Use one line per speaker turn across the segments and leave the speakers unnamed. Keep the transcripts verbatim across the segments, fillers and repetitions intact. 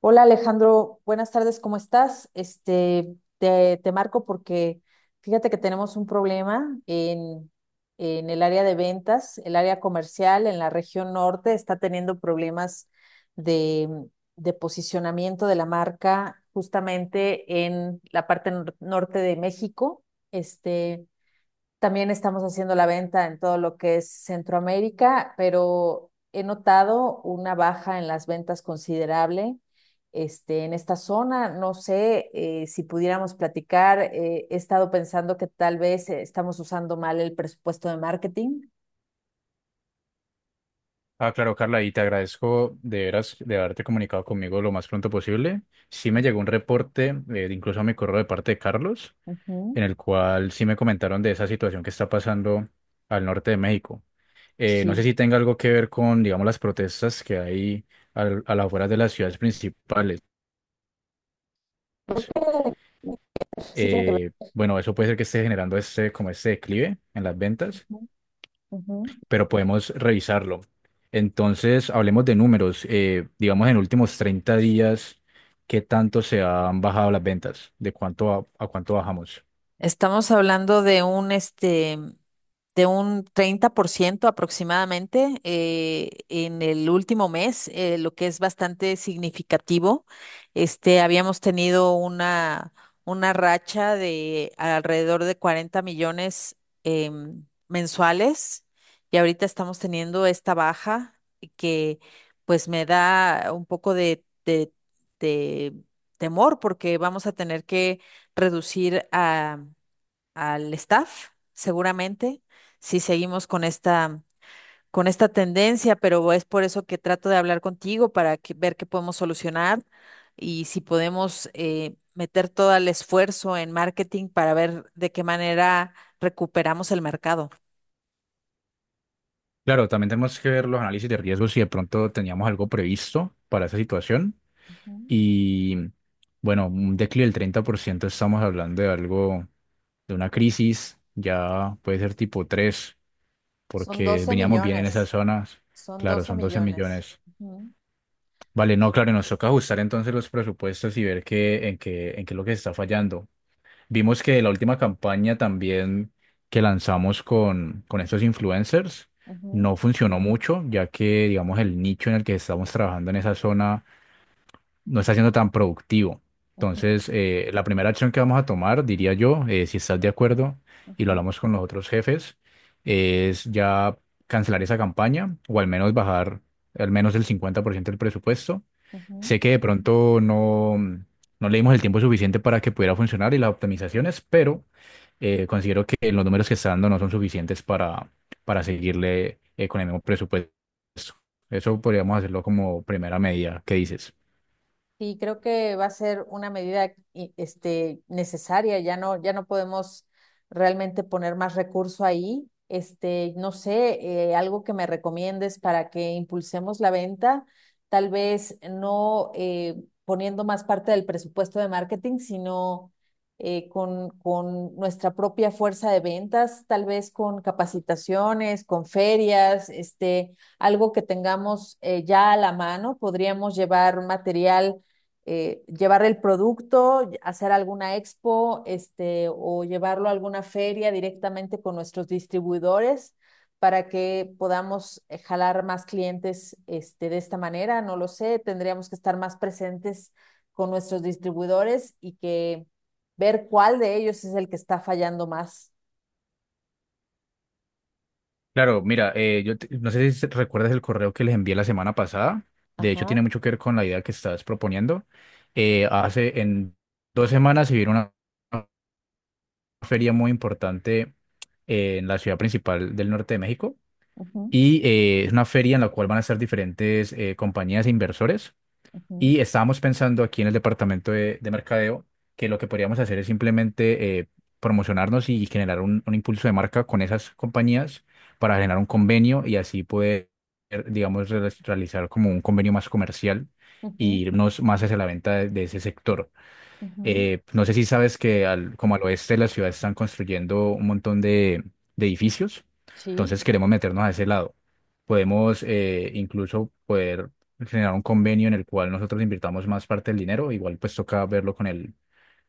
Hola Alejandro, buenas tardes, ¿cómo estás? Este, te, te marco porque fíjate que tenemos un problema en, en el área de ventas, el área comercial en la región norte está teniendo problemas de, de posicionamiento de la marca justamente en la parte nor- norte de México. Este, También estamos haciendo la venta en todo lo que es Centroamérica, pero he notado una baja en las ventas considerable. Este, en esta zona, no sé, eh, si pudiéramos platicar. Eh, he estado pensando que tal vez eh, estamos usando mal el presupuesto de marketing.
Ah, claro, Carla, y te agradezco de veras de haberte comunicado conmigo lo más pronto posible. Sí me llegó un reporte, eh, incluso a mi correo de parte de Carlos,
Ujú.
en el cual sí me comentaron de esa situación que está pasando al norte de México. Eh, no sé
Sí.
si tenga algo que ver con, digamos, las protestas que hay al- a las afueras de las ciudades principales.
Creo que sí tiene que ver.
Eh, bueno, eso puede ser que esté generando este, como este declive en las ventas,
Ujú, ujú.
pero podemos revisarlo. Entonces, hablemos de números. Eh, digamos, en últimos treinta días, ¿qué tanto se han bajado las ventas? ¿De cuánto a, a cuánto bajamos?
Estamos hablando de un este de un treinta por ciento aproximadamente, eh, en el último mes, eh, lo que es bastante significativo. Este, habíamos tenido una, una racha de alrededor de cuarenta millones, em, mensuales, y ahorita estamos teniendo esta baja que pues me da un poco de, de de temor, porque vamos a tener que reducir a al staff, seguramente, si seguimos con esta, con esta tendencia, pero es por eso que trato de hablar contigo para que, ver qué podemos solucionar y si podemos, eh, meter todo el esfuerzo en marketing para ver de qué manera recuperamos el mercado.
Claro, también tenemos que ver los análisis de riesgos si de pronto teníamos algo previsto para esa situación.
Ujú.
Y bueno, un declive del treinta por ciento, estamos hablando de algo, de una crisis, ya puede ser tipo tres
Son
porque
doce
veníamos bien en esas
millones,
zonas.
son
Claro,
doce
son doce
millones.
millones.
Ujú,
Vale, no, claro, y nos toca ajustar entonces los presupuestos y ver qué, en qué, en qué es lo que se está fallando. Vimos que la última campaña también que lanzamos con, con estos influencers
ujú,
no funcionó mucho, ya que, digamos, el nicho en el que estamos trabajando en esa zona no está siendo tan productivo.
ujú,
Entonces, eh, la primera acción que vamos a tomar, diría yo, eh, si estás de acuerdo y lo
ujú,
hablamos con los otros jefes, es ya cancelar esa campaña o al menos bajar al menos el cincuenta por ciento del presupuesto.
ujú. Ujú.
Sé que de pronto no, no le dimos el tiempo suficiente para que pudiera funcionar y las optimizaciones, pero eh, considero que los números que está dando no son suficientes para, para seguirle eh, con el mismo presupuesto. Eso podríamos hacerlo como primera medida. ¿Qué dices?
Sí, creo que va a ser una medida i- este, necesaria. Ya no, ya no podemos realmente poner más recurso ahí. Este, no sé, eh, algo que me recomiendes para que impulsemos la venta, tal vez no, eh, poniendo más parte del presupuesto de marketing, sino eh, con, con nuestra propia fuerza de ventas, tal vez con capacitaciones, con ferias, este, algo que tengamos, eh, ya a la mano. Podríamos llevar material, eh, llevar el producto, hacer alguna expo, este, o llevarlo a alguna feria directamente con nuestros distribuidores para que podamos, eh, jalar más clientes, este, de esta manera. No lo sé, tendríamos que estar más presentes con nuestros distribuidores y que ver cuál de ellos es el que está fallando más.
Claro, mira, eh, yo te- no sé si recuerdas el correo que les envié la semana pasada. De hecho,
Ajá.
tiene mucho que ver con la idea que estás proponiendo. Eh, hace en dos semanas se vino una una feria muy importante eh, en la ciudad principal del norte de México.
Ujú,
Y eh, es una feria en la cual van a estar diferentes eh, compañías e inversores.
ujú,
Y estábamos pensando aquí en el departamento de, de mercadeo, que lo que podríamos hacer es simplemente eh, promocionarnos y generar un, un impulso de marca con esas compañías para generar un convenio y así poder, digamos, re- realizar como un convenio más comercial e
ujú,
irnos más hacia la venta de de ese sector.
ujú.
Eh, no sé si sabes que al, como al oeste de la ciudad están construyendo un montón de, de edificios,
Sí.
entonces queremos meternos a ese lado. Podemos eh, incluso poder generar un convenio en el cual nosotros invirtamos más parte del dinero, igual pues toca verlo con el,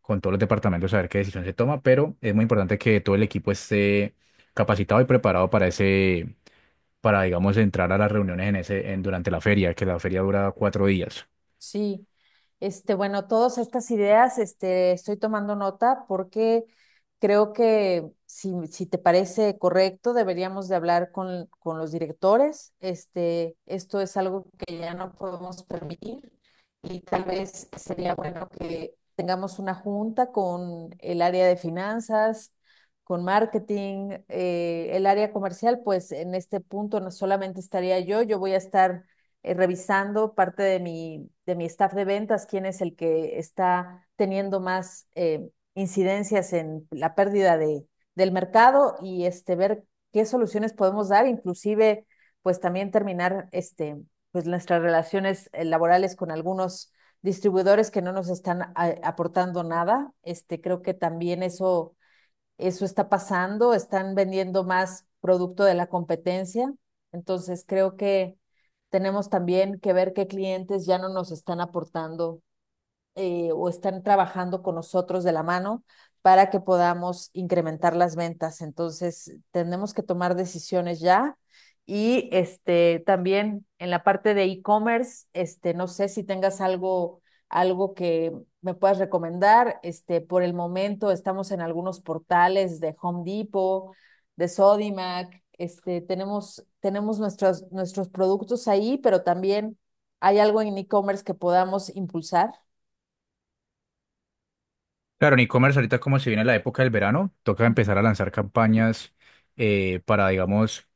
con todos los departamentos a ver qué decisión se toma, pero es muy importante que todo el equipo esté capacitado y preparado para ese, para digamos entrar a las reuniones en ese, en, durante la feria, que la feria dura cuatro días.
Sí, este, bueno, todas estas ideas, este, estoy tomando nota porque creo que si, si te parece correcto, deberíamos de hablar con, con los directores. Este, esto es algo que ya no podemos permitir y tal vez sería bueno que tengamos una junta con el área de finanzas, con marketing, eh, el área comercial. Pues en este punto no solamente estaría yo, yo voy a estar, eh, revisando parte de mi, de mi staff de ventas, quién es el que está teniendo más, eh, incidencias en la pérdida de, del mercado y, este, ver qué soluciones podemos dar, inclusive pues también terminar, este, pues nuestras relaciones, eh, laborales con algunos distribuidores que no nos están a- aportando nada. Este, creo que también eso eso está pasando, están vendiendo más producto de la competencia. Entonces, creo que tenemos también que ver qué clientes ya no nos están aportando, eh, o están trabajando con nosotros de la mano, para que podamos incrementar las ventas. Entonces, tenemos que tomar decisiones ya. Y, este, también en la parte de e-commerce, este, no sé si tengas algo, algo que me puedas recomendar. Este, por el momento estamos en algunos portales de Home Depot, de Sodimac. Este, tenemos, tenemos nuestros, nuestros productos ahí, pero también hay algo en e-commerce que podamos impulsar.
Claro, en e-commerce ahorita como se viene la época del verano, toca
Ujú,
empezar a lanzar campañas eh, para, digamos,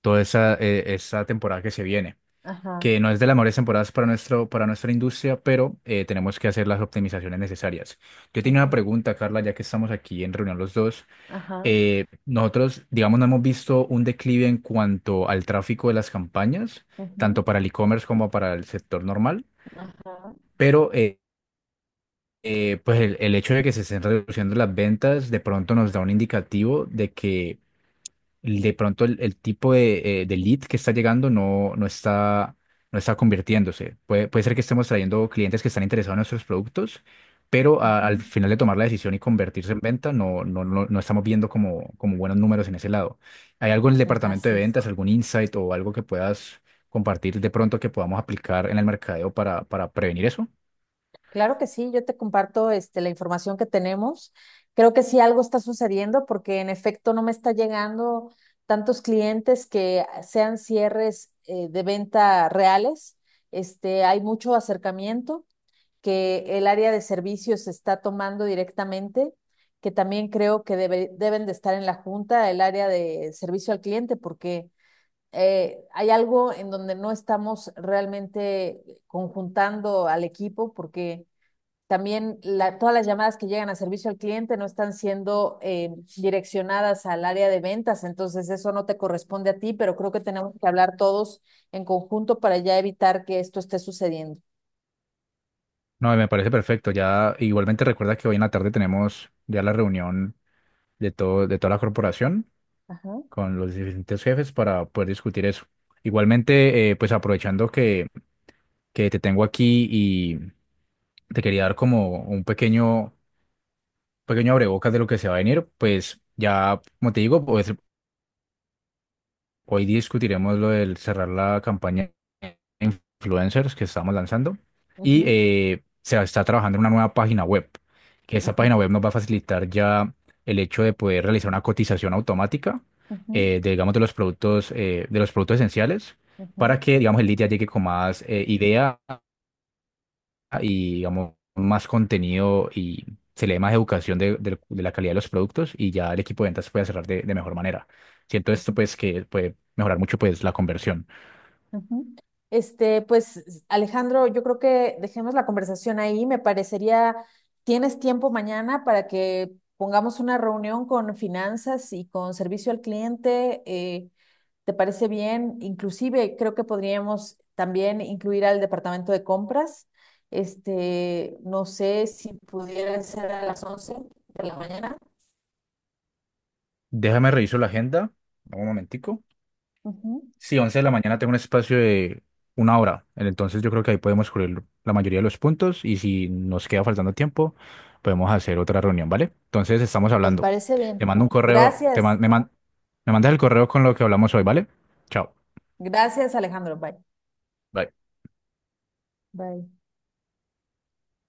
toda esa, eh, esa temporada que se viene,
ajá,
que no es de las mejores temporadas para, nuestro, para nuestra industria, pero eh, tenemos que hacer las optimizaciones necesarias. Yo tenía una
ujú,
pregunta, Carla, ya que estamos aquí en reunión los dos.
ajá,
Eh, nosotros, digamos, no hemos visto un declive en cuanto al tráfico de las campañas,
ujú,
tanto para el e-commerce como para el sector normal,
ajá,
pero... eh, eh, pues el, el hecho de que se estén reduciendo las ventas de pronto nos da un indicativo de que de pronto el, el tipo de, eh, de lead que está llegando no, no está, no está convirtiéndose. Puede, puede ser que estemos trayendo clientes que están interesados en nuestros productos, pero a- al
ujú.
final de tomar la decisión y convertirse en venta no, no, no, no estamos viendo como, como buenos números en ese lado. ¿Hay algo en el departamento de
Así es.
ventas, algún insight o algo que puedas compartir de pronto que podamos aplicar en el mercadeo para, para prevenir eso?
Claro que sí, yo te comparto, este, la información que tenemos. Creo que sí algo está sucediendo porque en efecto no me está llegando tantos clientes que sean cierres, eh, de venta reales. Este, hay mucho acercamiento que el área de servicios está tomando directamente, que también creo que debe- deben de estar en la junta, el área de servicio al cliente, porque, eh, hay algo en donde no estamos realmente conjuntando al equipo, porque también la- todas las llamadas que llegan a servicio al cliente no están siendo, eh, direccionadas al área de ventas. Entonces eso no te corresponde a ti, pero creo que tenemos que hablar todos en conjunto para ya evitar que esto esté sucediendo.
No, me parece perfecto. Ya igualmente recuerda que hoy en la tarde tenemos ya la reunión de todo, de toda la corporación
Ajá,
con los diferentes jefes para poder discutir eso. Igualmente, eh, pues aprovechando que, que te tengo aquí y te quería dar como un pequeño, pequeño abrebocas de lo que se va a venir, pues ya, como te digo, pues hoy discutiremos lo del cerrar la campaña de influencers que estamos lanzando, y
ujú,
eh, se está trabajando en una nueva página web, que esa
ujú,
página web nos va a facilitar ya el hecho de poder realizar una cotización automática
ujú,
eh, de, digamos, de los productos, eh, de los productos esenciales,
ujú,
para que, digamos, el lead ya llegue con más eh, idea ah, y digamos más contenido y se le dé más educación de, del- de la calidad de los productos y ya el equipo de ventas puede cerrar de, de mejor manera. Siento esto
ujú.
pues que puede mejorar mucho pues la conversión.
Ujú. Este, pues Alejandro, yo creo que dejemos la conversación ahí. Me parecería, ¿tienes tiempo mañana para que pongamos una reunión con finanzas y con servicio al cliente? Eh, ¿te parece bien? Inclusive creo que podríamos también incluir al departamento de compras. Este, no sé si pudiera ser a las once de la mañana.
Déjame reviso la agenda, dame un momentico.
Ujú.
Sí, once de la mañana tengo un espacio de una hora, entonces yo creo que ahí podemos cubrir la mayoría de los puntos y si nos queda faltando tiempo podemos hacer otra reunión, ¿vale? Entonces estamos
Me
hablando.
parece
Te
bien.
mando un correo, te
Gracias.
man- me, man- me mandas el correo con lo que hablamos hoy, ¿vale? Chao.
Gracias, Alejandro. Bye.
Bye.
Bye.